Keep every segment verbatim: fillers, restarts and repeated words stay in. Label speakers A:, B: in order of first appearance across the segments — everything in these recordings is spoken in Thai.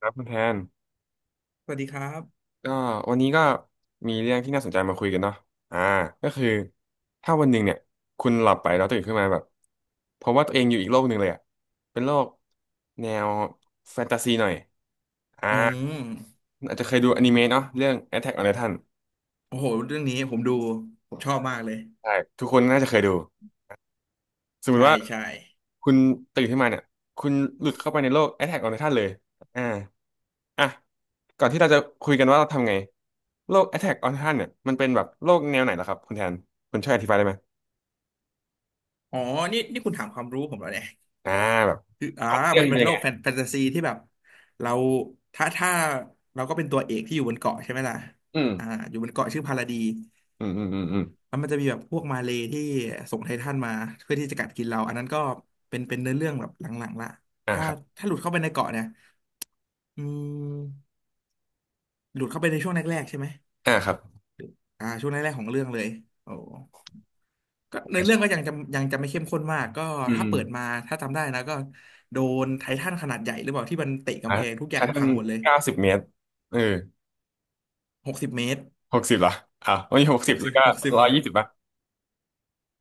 A: ครับคุณแทน
B: สวัสดีครับ
A: ก็วันนี้ก็มีเรื่องที่น่าสนใจมาคุยกันเนาะอ่าก็คือถ้าวันหนึ่งเนี่ยคุณหลับไปแล้วตื่นขึ้นมาแบบเพราะว่าตัวเองอยู่อีกโลกหนึ่งเลยอ่ะเป็นโลกแนวแฟนตาซีหน่อยอ่า
B: อ๋อ
A: อาจจะเคยดูอนิเมะเนาะเรื่อง Attack on Titan
B: โอ้โหเรื่องนี้ผมดูผมชอบมากเลย
A: ใช่ทุกคนน่าจะเคยดูสมม
B: ใช่
A: ติว่า
B: ใช่
A: คุณตื่นขึ้นมาเนี่ยคุณหลุดเข้าไปในโลก Attack on Titan เลยอ่า อ่ะก่อนที่เราจะคุยกันว่าเราทำไงโรค Attack on Titan เนี่ยมันเป็นแบบโรคแนวไหนเหรอครับคุณแทนคุณช่วยอธิบายได้ไหม
B: อ๋อ นี่นี่คุณถามความรู้ผมแล้วเนี่ย
A: อ่าแบบ
B: คืออ่า
A: พล็อตเรื่อ
B: มั
A: ง
B: นเป็
A: เป็น
B: น
A: ยั
B: โล
A: ง
B: ก
A: ไง
B: แฟนแฟนตาซีที่แบบเราถ้าถ้าเราก็เป็นตัวเอกที่อยู่บนเกาะใช่ไหมล่ะ
A: อืม
B: อ่าอยู่บนเกาะชื่อพาราดี
A: อืมอืมอืมอืม
B: แล้วมันจะมีแบบพวกมาเลย์ที่ส่งไททันมาเพื่อที่จะกัดกินเรา อันนั้นก็เป็นเป็นเนื้อเรื่องแบบหลังๆละ
A: อ่า
B: ถ้า
A: ครับ
B: ถ้าหลุดเข้าไปในเกาะเนี่ยอืมหลุดเข้าไปในช่วงแรกๆใช่ไหม
A: อ่าครับ
B: อ่าช่วงแรกๆของเรื่องเลยโอ้ ก็ในอ
A: ไม่
B: เรื่องก็
A: ใช่
B: ยังจะยังจะไม่เข้มข้นมากก็
A: อื
B: ถ้า
A: ม
B: เปิดมาถ้าจำได้นะก็โดนไททันขนาดใหญ่หรือเปล่าที่มันเตะ
A: อ่า
B: กำแพงทุกอย่า
A: ถ้า
B: ง
A: ท่า
B: พั
A: น
B: งหมดเลย
A: เก้าสิบเมตรเออ
B: หกสิบเมตร
A: หกสิบเหรออ่าวันนี้หก
B: ห
A: สิบ
B: ก
A: แล้
B: สิ
A: ว
B: บ
A: ก็
B: หกสิบ
A: ร้อ
B: เม
A: ย
B: ต
A: ยี่
B: ร
A: สิบป่ะ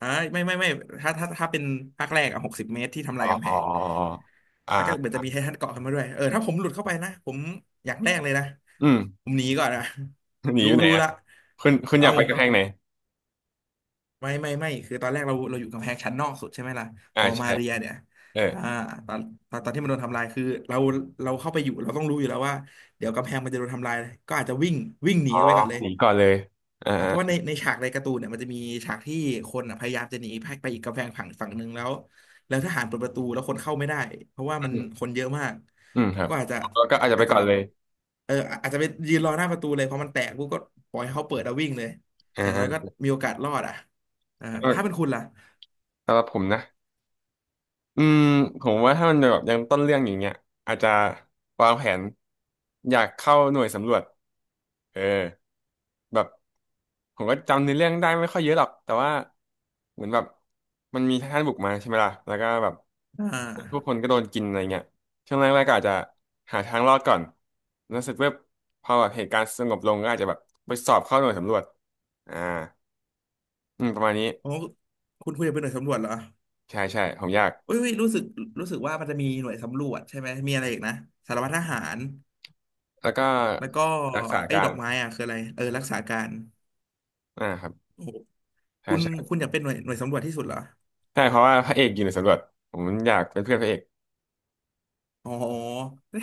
B: อ่าไม่ไม่ไม่ถ้าถ้าถ้าเป็นภาคแรกอะหกสิบเมตรที่ทำ
A: อ๋
B: ลา
A: อ
B: ยกำแพ
A: อ๋
B: ง
A: ออ๋อ
B: แล้วก็เหมือน
A: อ๋ออ่า
B: จะมีไททันเกาะขึ้นมาด้วยเออถ้าผมหลุดเข้าไปนะผมอย่างแรกเลยนะ
A: อืม
B: ผมหนีก่อนนะ
A: หนีอ
B: รู้
A: ยู่ไหน
B: รู้
A: อะ
B: ละ
A: คุณคุณอ
B: เอา
A: ยากไปกำแพงไหน
B: ไม่ไม่ไม่คือตอนแรกเราเราอยู่กำแพงชั้นนอกสุดใช่ไหมล่ะ
A: อ่า
B: วอลมา
A: ใช่
B: เรียเนี่ย
A: เออ
B: อ่าตอนตอนตอนที่มันโดนทำลายคือเราเราเข้าไปอยู่เราต้องรู้อยู่แล้วว่าเดี๋ยวกำแพงมันจะโดนทำลายก็อาจจะวิ่งวิ่งหนี
A: อ๋อ
B: กันไปก่อนเลย
A: หนีก่อนเลยอ่า
B: อ่ะเพราะว่าในในฉากในการ์ตูนเนี่ยมันจะมีฉากที่คนอ่ะพยายามจะหนีไปไปอีกกำแพงฝั่งฝั่งหนึ่งแล้วแล้วทหารเปิดประตูแล้วคนเข้าไม่ได้เพราะว่า
A: อื
B: มัน
A: ม
B: คนเยอะมาก
A: อืมครับ
B: ก็อาจจะ
A: แล้วก็อาจจะไป
B: อาจจะ
A: ก่อน
B: แบบ
A: เลย
B: เอออาจจะไปยืนรอหน้าประตูเลยเพราะมันแตกปุ๊บก็ปล่อยให้เขาเปิดแล้ววิ่งเลย
A: อ่
B: อย่างน้อยก็
A: า
B: มีโอกาสรอดอ่ะอ่า
A: แล้วก็
B: แล้วถ้าเป็นคุณล่ะ
A: สำหรับผมนะอืมผมว่าถ้ามันแบบยังต้นเรื่องอย่างเงี้ยอาจจะวางแผนอยากเข้าหน่วยสำรวจเออแบบผมก็จำในอเรื่องได้ไม่ค่อยเยอะหรอกแต่ว่าเหมือนแบบมันมีทหารบุกมาใช่ไหมล่ะแล้วก็แบบ
B: อ่า
A: ทุกคนก็โดนกินอะไรเงี้ยช่วงแรกๆก็อาจจะหาทางรอดก่อนแล้วรู้สึกว่าพอแบบเหตุการณ์สงบลงก็อาจจะแบบไปสอบเข้าหน่วยสำรวจอ่าอืมประมาณนี้
B: โอ้คุณคุณจะเป็นหน่วยสำรวจเหรอ
A: ใช่ใช่ผมอยาก
B: อุ้ยอุ๊ยรู้สึกรู้สึกว่ามันจะมีหน่วยสำรวจใช่ไหมมีอะไรอีกนะสารวัตรทหาร
A: แล้วก็
B: แล้วก็
A: รักษา
B: ไอ้
A: กา
B: ด
A: ร
B: อกไม้อ่ะคืออะไรเออรักษาการ
A: อ่าครับ
B: โอ้โห
A: ใช่
B: คุณ
A: ใช่
B: คุณอยากเป็นหน่วยหน่วยสำรวจที่สุดเหรอ
A: ใช่เพราะว่าพระเอกอยู่ในสำรวจผมอยากเป็นเพื่อนพระเอก
B: อ๋อ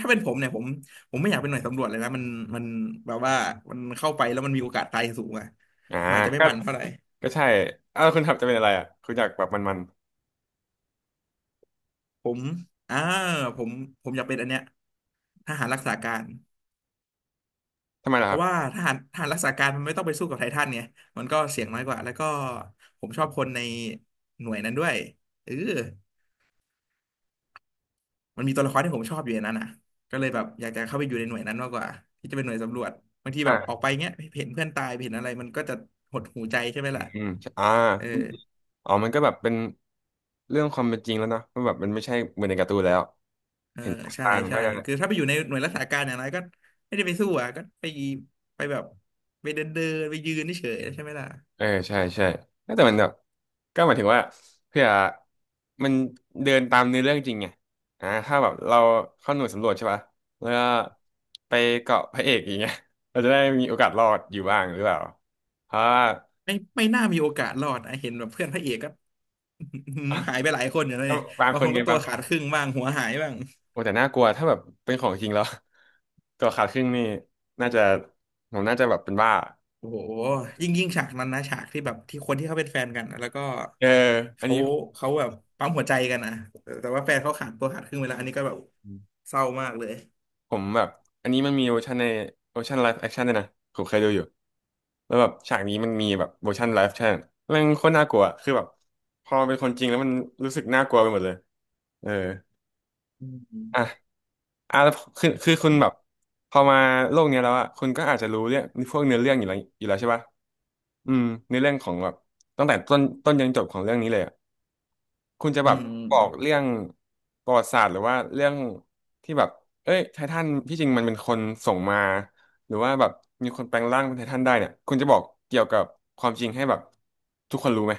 B: ถ้าเป็นผมเนี่ยผมผมไม่อยากเป็นหน่วยสำรวจเลยนะมันมันแบบว่ามันเข้าไปแล้วมันมีโอกาสตายสูงอะ
A: อ่า
B: มนอาจจะไม่
A: ก็
B: มันเท่าไหร่
A: ก็ใช่เอ้าคุณทับจะเป็นอะไรอ่ะคุณอยากแบบมัน
B: ผมอ่าผมผมอยากเป็นอันเนี้ยทหารรักษาการ
A: ๆทำไมล่ะ
B: เพ
A: ครั
B: ราะ
A: บ
B: ว่าทหารทหารรักษาการมันไม่ต้องไปสู้กับไททันไงมันก็เสี่ยงน้อยกว่า แล้วก็ผมชอบคนในหน่วยนั้นด้วยเออ มันมีตัวละครที่ผมชอบอยู่ในนั้นอ่ะก็เลยแบบอยากจะเข้าไปอยู่ในหน่วยนั้นมากกว่าที่จะเป็นหน่วยสำรวจบางทีแบ
A: อ่า
B: บออกไปเงี้ยเห็นเพื่อนตายเห็นอะไรมันก็จะหดหูใจใช่ไหม
A: อื
B: ล่ะ
A: มอ่า
B: เออ
A: อ๋อมันก็แบบเป็นเรื่องความเป็นจริงแล้วเนอะมันแบบมันไม่ใช่เหมือนในการ์ตูนแล้ว
B: เออ
A: เห็นต
B: ใช่
A: ามัน
B: ใช่
A: ก็จะ
B: คือถ้าไปอยู่ในหน่วยรักษาการอย่างไรก็ไม่ได้ไปสู้อ่ะก็ไปไปแบบไปเดินเดินไปยืนเฉยๆใช่ไหมล่ะ
A: เออใช่ใช่ แต่มันแบบก็หมายถึงว่าเพื่อมันเดินตามเนื้อเรื่องจริงไงอ่าถ้าแบบเราเข้าหน่วยสำรวจใช่ปะแล้วก็ไปเกาะพระเอกอย่างเงี้ย เราจะได้มีโอกาสรอดอยู่บ้างหรือเปล่าเพราะว่า
B: ไม่ไม่น่ามีโอกาสรอดนะเห็นแบบเพื่อนพระเอกก็ หายไปหลายคนอยู่แล้ว
A: ก็
B: เนี่ย
A: บาง
B: บาง
A: ค
B: ค
A: น
B: น
A: ไง
B: ก็ตัว
A: บางค
B: ขา
A: น
B: ดครึ่งบ้างหัวหายบ้าง
A: โอ้แต่น่ากลัวถ้าแบบเป็นของจริงแล้ว ตัวขาดครึ่งนี่น่าจะผมน่าจะแบบเป็นบ้า
B: โอ้โหยิ่งยิ่งฉากนั้นนะฉากที่แบบที่คนที่เขาเป็นแฟนกันนะแล้วก็
A: เอออัน
B: เขา
A: นี้
B: เขาแบบปั๊มหัวใจกันนะแต่แต่ว่าแฟนเขาขาดตัวขาดครึ่งเวลาอันนี้ก็แบบเศร้ามากเลย
A: ผมแบบอันนี้มันมีเวอร์ชันในเวอร์ชันไลฟ์แอคชั่นด้วยนะผมเคยดูอยู่แล้วแบบฉากนี้มันมีแบบเวอร์ชันไลฟ์แอคชั่นม่งโคตรน่ากลัวอะคือแบบพอมันเป็นคนจริงแล้วมันรู้สึกน่ากลัวไปหมดเลยเออ
B: อืม
A: อ่ะอ่ะแล้วคือคือคุณแบบพอมาโลกเนี้ยแล้วอ่ะคุณก็อาจจะรู้เรื่องพวกเนื้อเรื่องอยู่แล้วอยู่แล้วใช่ปะอืมเนื้อเรื่องของแบบตั้งแต่ต้นต้นยันจบของเรื่องนี้เลยอะ คุณจะ
B: อื
A: แบบบอกเรื่
B: ม
A: องประวัติศาสตร์หรือว่าเรื่องที่แบบเอ้ยไททันที่จริงมันเป็นคนส่งมาหรือว่าแบบมีคนแปลงร่างเป็นไททันได้เนี่ยคุณจะบอกเกี่ยวกับความจริงให้แบบทุกคนรู้ไหม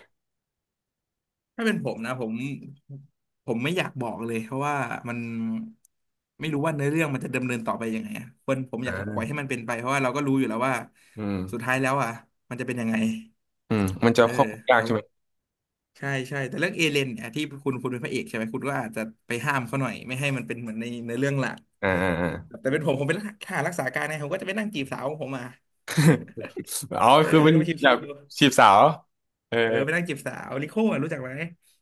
B: ถ้าเป็นผมนะผมผมไม่อยากบอกเลยเพราะว่ามันไม่รู้ว่าเนื้อเรื่องมันจะดำเนินต่อไปยังไงอะคนผมอยากปล่อย
A: อ่า
B: ให้มันเป็นไปเพราะว่าเราก็รู้อยู่แล้วว่า
A: อืม
B: สุดท้ายแล้วอ่ะมันจะเป็นยังไง
A: อืมมันจะ
B: เออ
A: ควบคุมยาก
B: แล้ว
A: ใช่ไหม
B: ใช่ใช่แต่เรื่องเอเลนเนี่ยที่คุณคุณเป็นพระเอกใช่ไหมคุณก็อาจจะไปห้ามเขาหน่อยไม่ให้มันเป็นเหมือนในในเรื่องหลัก
A: อ่าอ่าอ่า
B: แต่เป็นผมผมเป็นทหารรักษาการเนผมก็จะไปนั่งจีบสาวของผมมา
A: อ๋อ
B: เออ
A: คือ
B: แล้
A: เป็
B: ว
A: น
B: ก็ไป
A: อยา
B: ชิ
A: ก
B: ว
A: จีบสาวเออ
B: ๆเออไปนั่งจีบสาวลิโก้อะรู้จักไหม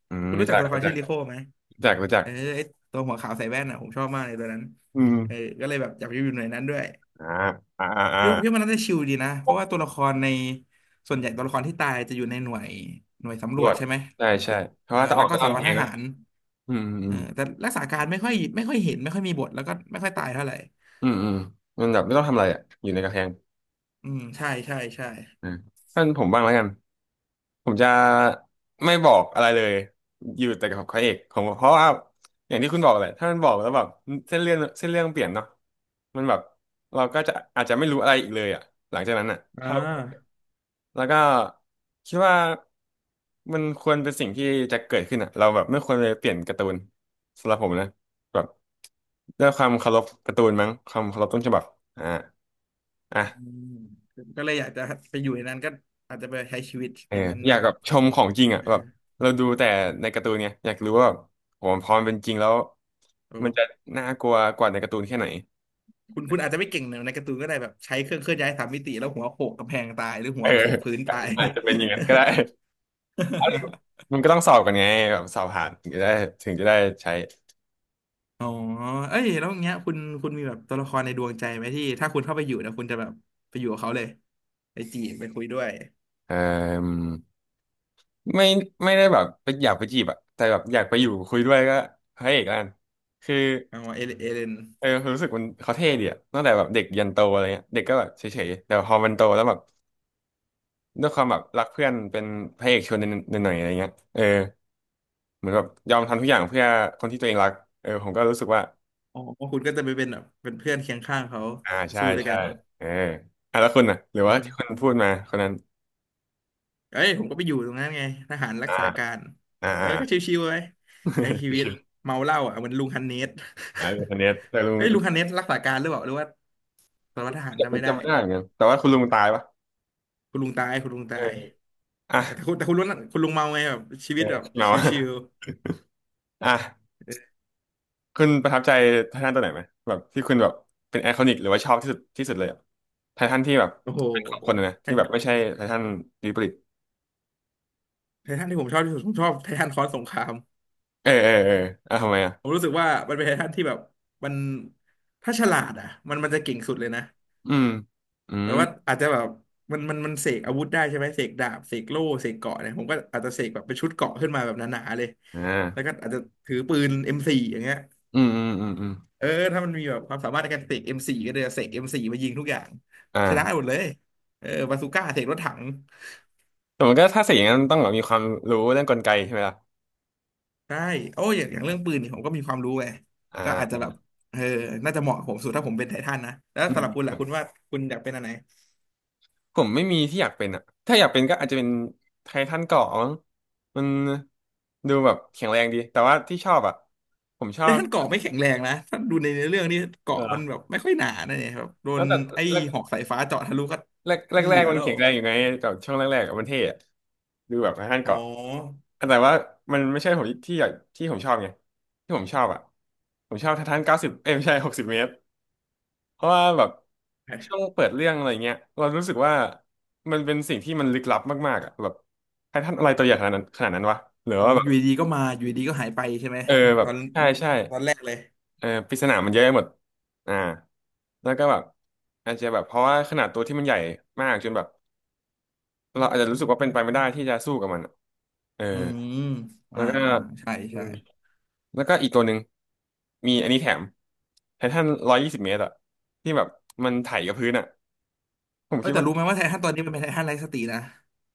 A: อืม
B: คุณ
A: รู้
B: รู้จั
A: จั
B: ก
A: ก
B: ตัวละค
A: รู้
B: ร
A: จัก
B: ชื่อลิโก้ไหม
A: รู้จักรู้จัก
B: เออไอตัวหัวขาวใส่แว่นอ่ะผมชอบมากเลยตัวนั้น
A: อืม
B: เออก็เลยแบบอยากไปอยู่หน่วยนั้นด้วย
A: อ่าอ่าอ่าอ่า
B: พี่ว่าพี่ว่ามันน่าจะชิลดีนะเพราะว่าตัวละครในส่วนใหญ่ตัวละครที่ตายจะอยู่ในหน่วยหน่วยสำ
A: ร
B: รว
A: ว
B: จ
A: ด
B: ใช่ไหม
A: ใช่ใช่เพ
B: เอ
A: ราะ
B: อ
A: ว่าถ้าอ
B: แล้
A: อ
B: ว
A: ก
B: ก็
A: ก็ต้อ
B: สาร
A: งแพ
B: วัตรท
A: งเนอะ
B: หาร
A: อืมอื
B: เออ
A: ม
B: แต่รักษาการไม่ค่อยไม่ค่อยเห็นไม่ค่อยมีบทแล้วก็ไม่ค่อยตายเท่าไหร่
A: อืมอืมมันแบบไม่ต้องทำอะไรอ่ะอยู่ในกระแพง
B: อืมใช่ใช่ใช่
A: อ่าท่านผมบ้างแล้วกันผมจะไม่บอกอะไรเลยอยู่แต่กับพระเอกผมเพราะว่าอย่างที่คุณบอกแหละถ้ามันบอกแล้วแบบเส้นเรื่องเส้นเรื่องเปลี่ยนเนาะมันแบบเราก็จะอาจจะไม่รู้อะไรอีกเลยอ่ะหลังจากนั้นอ่ะ
B: อ่
A: ถ้าเรา
B: า
A: แล้วก็คิดว่ามันควรเป็นสิ่งที่จะเกิดขึ้นอ่ะเราแบบไม่ควรไปเปลี่ยนการ์ตูนสำหรับผมนะแบบด้วยความเคารพการ์ตูนมั้งความเคารพต้นฉบับอ่า
B: อื
A: อ่ะ
B: มก็เลยอยากจะไปอยู่ในนั้นก็อาจจะไปใช้ชีวิต
A: เอ
B: อ
A: อ
B: ย่างนั้น
A: อยาก
B: เนาะ
A: แบบชมของจริงอ่ะ
B: เอ
A: แบบ
B: อ
A: เราดูแต่ในการ์ตูนเนี่ยอยากรู้ว่าแบบโหพอมันเป็นจริงแล้ว
B: โอ้
A: มันจะน่ากลัวกว่าในการ์ตูนแค่ไหน
B: คุณคุณอาจจะไม่เก่งในการ์ตูนก็ได้แบบใช้เครื่องเคลื่อนย้ายสามมิติแล้วหัวโขกกำแพงตายหรือหั
A: เอ
B: ว
A: อ
B: โขกพื้นตาย
A: อาจจะเป็นอย่างนั้นก็ได้ มันก็ต้องสอบกันไงแบบสอบผ่านถึงจะได้ถึงจะได้ใช้
B: อ๋อเอ้ยแล้วอย่างเงี้ยคุณคุณมีแบบตัวละครในดวงใจไหมที่ถ้าคุณเข้าไปอยู่นะคุณจะแบบไปอยู่กับเขาเลยไปจีบไปคุยด้วย
A: เอ่อไม่ไม่ได้แบบไปอยากไปจีบอะแต่แบบอยากไปอยู่คุยด้วยก็พระเอกแล้วกันคือ
B: อ๋อเอเลเอเลน
A: เออรู้สึกมันเขาเท่ดีอะตั้งแต่แบบเด็กยันโตอะไรเงี้ยเด็กก็แบบเฉยๆแต่พอมันโตแล้วแบบ ด้วยความแบบรักเพื่อนเป็นพระเอกชวนหน่อยๆอะไรเงี้ยเออเหมือนแบบยอมทำทุกอย่างเพื่อคนที่ตัวเองรักเออผมก็รู้สึกว่า
B: อ๋อคุณก็จะไปเป็นแบบเป็นเพื่อนเคียงข้างเขา
A: อ่าใช่
B: สู้ด้วย
A: ใช่
B: กัน
A: เอออ่ะแล้วคุณน่ะหรือ
B: อื
A: ว่าที่คุ
B: ม
A: ณพูดมาคนนั้น
B: เอ้ยผมก็ไปอยู่ตรงนั้นไงทหารรัก
A: อ่า
B: ษาการ
A: อ่า
B: เออ
A: อ่า
B: ก็ชิวๆไว้ใช้ชี วิต
A: ชื่อ
B: เมาเหล้าอ่ะเหมือนลุงฮันเนส
A: อ่าลุงธเนศแต่ลุ ง
B: เอ้ยลุงฮันเนสรักษาการหรือเปล่าหรือว่าสารวัตรทหารจำไม่
A: จำ
B: ได้
A: จำไม่ได้เหมือนกันแต่ว่าคุณลุงตายปะ
B: คุณลุงตายคุณลุง
A: เอ
B: ตา
A: อ
B: ยเอ
A: อ่ะ
B: อแต่คุณแต่คุณลุงคุณลุงเมาไงแบบชี
A: เอ
B: วิ
A: อ
B: ตแบบ
A: เมา
B: ช
A: อะ
B: ิว
A: อ่ะ
B: ๆเออ
A: คุณประทับใจไททันตัวไหนไหมแบบที่คุณแบบเป็นไอคอนิกหรือว่าชอบที่สุดที่สุดเลยอะไททันที่แบบ
B: โอ้โห
A: เป็นของคนนะนะ
B: ไท
A: ที่แบบไม่ใช่ไททันดีบริด
B: ไททันที่ผมชอบที่สุดผมชอบไททันคอร์สสงคราม
A: เออเออเอออ่ะทำไมอ่ะ
B: ผมรู้สึกว่ามันเป็นไททันที่แบบมันถ้าฉลาดอ่ะมันมันจะเก่งสุดเลยนะ
A: อืมอื
B: แปล
A: ม
B: ว่าอาจจะแบบมันมันมันเสกอาวุธได้ใช่ไหมเสกดาบเสกโล่เสกเกราะเนี่ยผมก็อาจจะเสกแบบเป็นชุดเกราะขึ้นมาแบบหนาๆเลย
A: อ่
B: แล้ว
A: า
B: ก็อาจจะถือปืน เอ็ม โฟร์ อมโฟร์อย่างเงี้ย
A: อืมอืมอืมอืม
B: เออถ้ามันมีแบบความสามารถในการเสก เอ็ม โฟร์ ก็เลยเสก เอ็ม โฟร์ มโฟร์มายิงทุกอย่างชนะห
A: อ่า
B: มดเลยเออบาซูก้าเสกรถถัง
A: แต่มันก็ถ้าเสียอย่างนั้นมันต้องแบบมีความรู้เรื่องกลไกใช่ไหมล่ะ
B: ได้โอ้ยอย่างอย่างเรื่องปืนนี่ผมก็มีความรู้ไง
A: อ่
B: ก็อาจจะแบบ
A: า
B: เออน่าจะเหมาะกับผมสุดถ้าผมเป็นไททันนะแล้ว
A: อื
B: สำหรับคุณ
A: ม
B: ล่ะคุณว่าคุณอยากเป็นอะไร
A: ผมไม่มีที่อยากเป็นอ่ะถ้าอยากเป็นก็อาจจะเป็นไททันเกราะมั้งมันดูแบบแข็งแรงดี แต่ว่าที่ชอบอ่ะผมชอ
B: แล้ว
A: บ
B: ท่านเกาะไม่แข็งแรงนะท่านดูในเนื้อเรื่องนี่
A: เอ
B: เกาะ
A: อ
B: มันแบบไม่ค่อยหนานะเนี่ยครับโด
A: แล้
B: น
A: วแต่
B: ไอ้หอกสายฟ้าเจาะทะลุก็
A: แรกแรก
B: ไม่
A: แร
B: เหลื
A: ก
B: อ
A: มัน
B: แล้ว
A: แข็งแรงอยู่ไงแต่ช่วงแรกๆอะมันเท่อะดูแบบไท่าน
B: อ๋อ
A: เกาะแต่ว่ามันไม่ใช่ผมที่อยากที่ผมชอบไงที่ผมชอบอ่ะผมชอบไท่าทันเก้าสิบเอ้ยไม่ใช่หกสิบเมตรเพราะว่าแบบช่วงเปิดเรื่องอะไรเงี้ยเรารู้สึกว่ามันเป็นสิ่งที่มันลึกลับมากๆอ่ะแบบไททันอะไรตัวใหญ่ขนาดนั้นขนาดนั้นวะหรือ
B: อ๋อ
A: ว่าแบ
B: อ
A: บ
B: ยู่ดีๆก็มาอยู่ดีๆก็หายไปใช่ไหม
A: เออแบ
B: ต
A: บ
B: อน
A: ใช่ใช่
B: ตอนแรกเลย
A: เออปริศนามันเยอะไปหมดอ่าแล้วก็แบบอาจจะแบบเพราะว่าขนาดตัวที่มันใหญ่มากจนแบบ เราอาจจะรู้สึกว่าเป็นไปไม่ได้ที่จะสู้กับมันอะเออ
B: อืม
A: แล้
B: อ่า
A: วก็
B: อ่าใช่
A: อื
B: ใช่
A: มแล้วก็อีกตัวหนึ่งมีอันนี้แถมไททันร้อยยี่สิบเมตรอะที่แบบมันไถกับพื้นอะผม
B: เอ้
A: คิ
B: ย
A: ด
B: แต่
A: ว่า
B: รู้ไหมว่าไททันตอนนี้มันเป็นไททันไร้สตินะ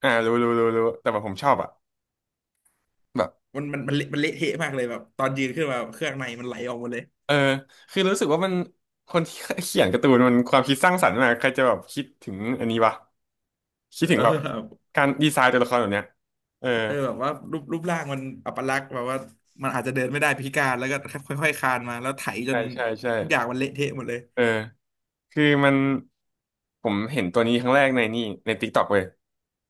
A: อ่ารู้รู้รู้รู้แต่แบบผมชอบอะแบบ
B: มันมันมันเละมันเละเทะมากเลยแบบตอนยืนขึ้นมาเครื่องในมันไหลออกหมดเลย
A: เออคือรู้สึกว่ามันคนที่เขียนการ์ตูนมันความคิดสร้างสรรค์มากใครจะแบบคิดถึงอันนี้วะคิดถึ
B: เ
A: งแบบ
B: ออ
A: การดีไซน์ตัวละครแบบเนี้ยเออ
B: เออแบบว่ารูปรูปร่างมันอัปลักษณ์แบบว่ามันอาจจะเดินไม่ได้พิการแล้วก็ค่อยๆคลานมาแล้วไถจ
A: ใช่
B: น
A: ใช่ใช่
B: ทุกอย่างมันเละเทะหมดเลย
A: เออ คือมันผมเห็นตัวนี้ครั้งแรกในนี่ใน ติ๊กต็อก เว้ย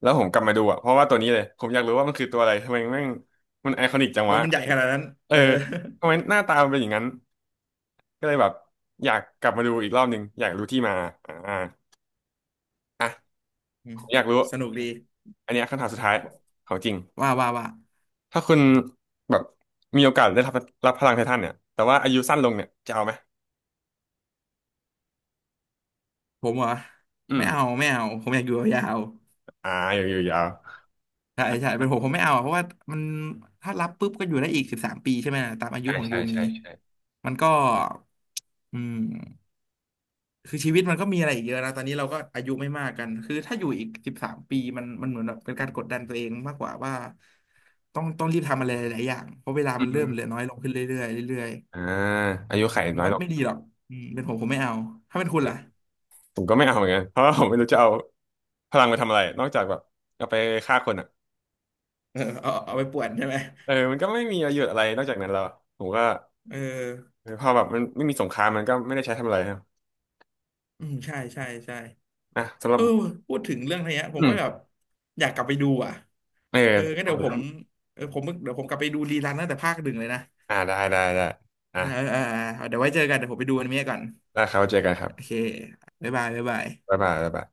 A: แล้วผมกลับมาดูอ่ะเพราะว่าตัวนี้เลยผมอยากรู้ว่ามันคือตัวอะไรทำไมแม่งมันไอคอนิกจัง
B: มัน
A: วะ
B: มันใหญ่ขนาดนั้น
A: เอ
B: เอ
A: อ
B: อ
A: ทำไมหน้าตามันเป็นอย่างนั้นก็เลยแบบอยากกลับมาดูอีกรอบหนึ่งอยากรู้ที่มาอ่าอ่ะ
B: อื
A: ผ
B: ม
A: มอยากรู้
B: สนุกดี
A: อันเนี้ยคำถามสุดท้ายของจริง
B: ว่าว่าว่า
A: ถ้าคุณแบบมีโอกาสได้รับรับพลังไททันเนี่ยแต่ว่าอายุสั้นลงเนี่ยจะเอาไหม
B: ผมเหรอ
A: อื
B: ไม่
A: ม
B: เอาไม่เอาผมอยากอยู่ยาว
A: อ่าอยู่อยู่ยาว
B: ๆใช่ใช่เป็นผมผมไม่เอาอะเพราะว่ามันถ้ารับปุ๊บก็อยู่ได้อีกสิบสามปีใช่ไหมล่ะตามอายุ
A: ใช่
B: ของ
A: ใช่
B: ยูมี
A: ใช่ใช่
B: มันก็อืม คือชีวิตมันก็มีอะไรอีกเยอะนะตอนนี้เราก็อายุไม่มากกันคือถ้าอยู่อีกสิบสามปีมันมันเหมือนแบบเป็นการกดดันตัวเองมากกว่าว่าต้องต้องรีบทำอะไรหลายๆอย่างเพราะเวลา
A: อืม
B: มัน
A: อ
B: เริ่มเหลือ
A: ม
B: น้อยลงขึ้นเรื่อยๆเรื่อย
A: อ่าอายุไข
B: ๆผม
A: น้อย
B: ว่า
A: ลง
B: ไม่ดีหรอกอืมเป็นผมผมไม่เอาถ้าเป็นคุณล่ะ
A: ผมก็ไม่เอาเหมือนกันเพราะว่าผมไม่รู้จะเอาพลังไปทำอะไรนอกจากแบบเอาไปฆ่าคนอ่ะ
B: เออเอาเอาเอาไปป่วนใช่ไหม
A: เออมันก็ไม่มีประโยชน์อะไรนอกจากนั้นแล้วอะผมก็
B: เออ
A: เออพอแบบมันไม่มีสงครามมันก็ไม่ได้ใช้ทำอะไรครับ
B: อืมใช่ใช่ใช่
A: นะสำหรั
B: เอ
A: บ
B: อพูดถึงเรื่องเนี้ยผม
A: อื
B: ก็
A: ม
B: แบบอยากกลับไปดูอ่ะ
A: เอ
B: เอองั้นเดี๋ยว
A: อ
B: ผมเออผมเดี๋ยวผมกลับไปดูรีรันตั้งแต่ภาคหนึ่งเลยนะ
A: อ่าได้ได้ได้อ่ะ
B: นะเออเออเออเดี๋ยวไว้เจอกันเดี๋ยวผมไปดูอนิเมะก่อน
A: แล้วเขาเจอกันครั
B: โอ
A: บ
B: เคบ๊ายบายบ๊ายบาย
A: บ๊ายบายบ๊ายบาย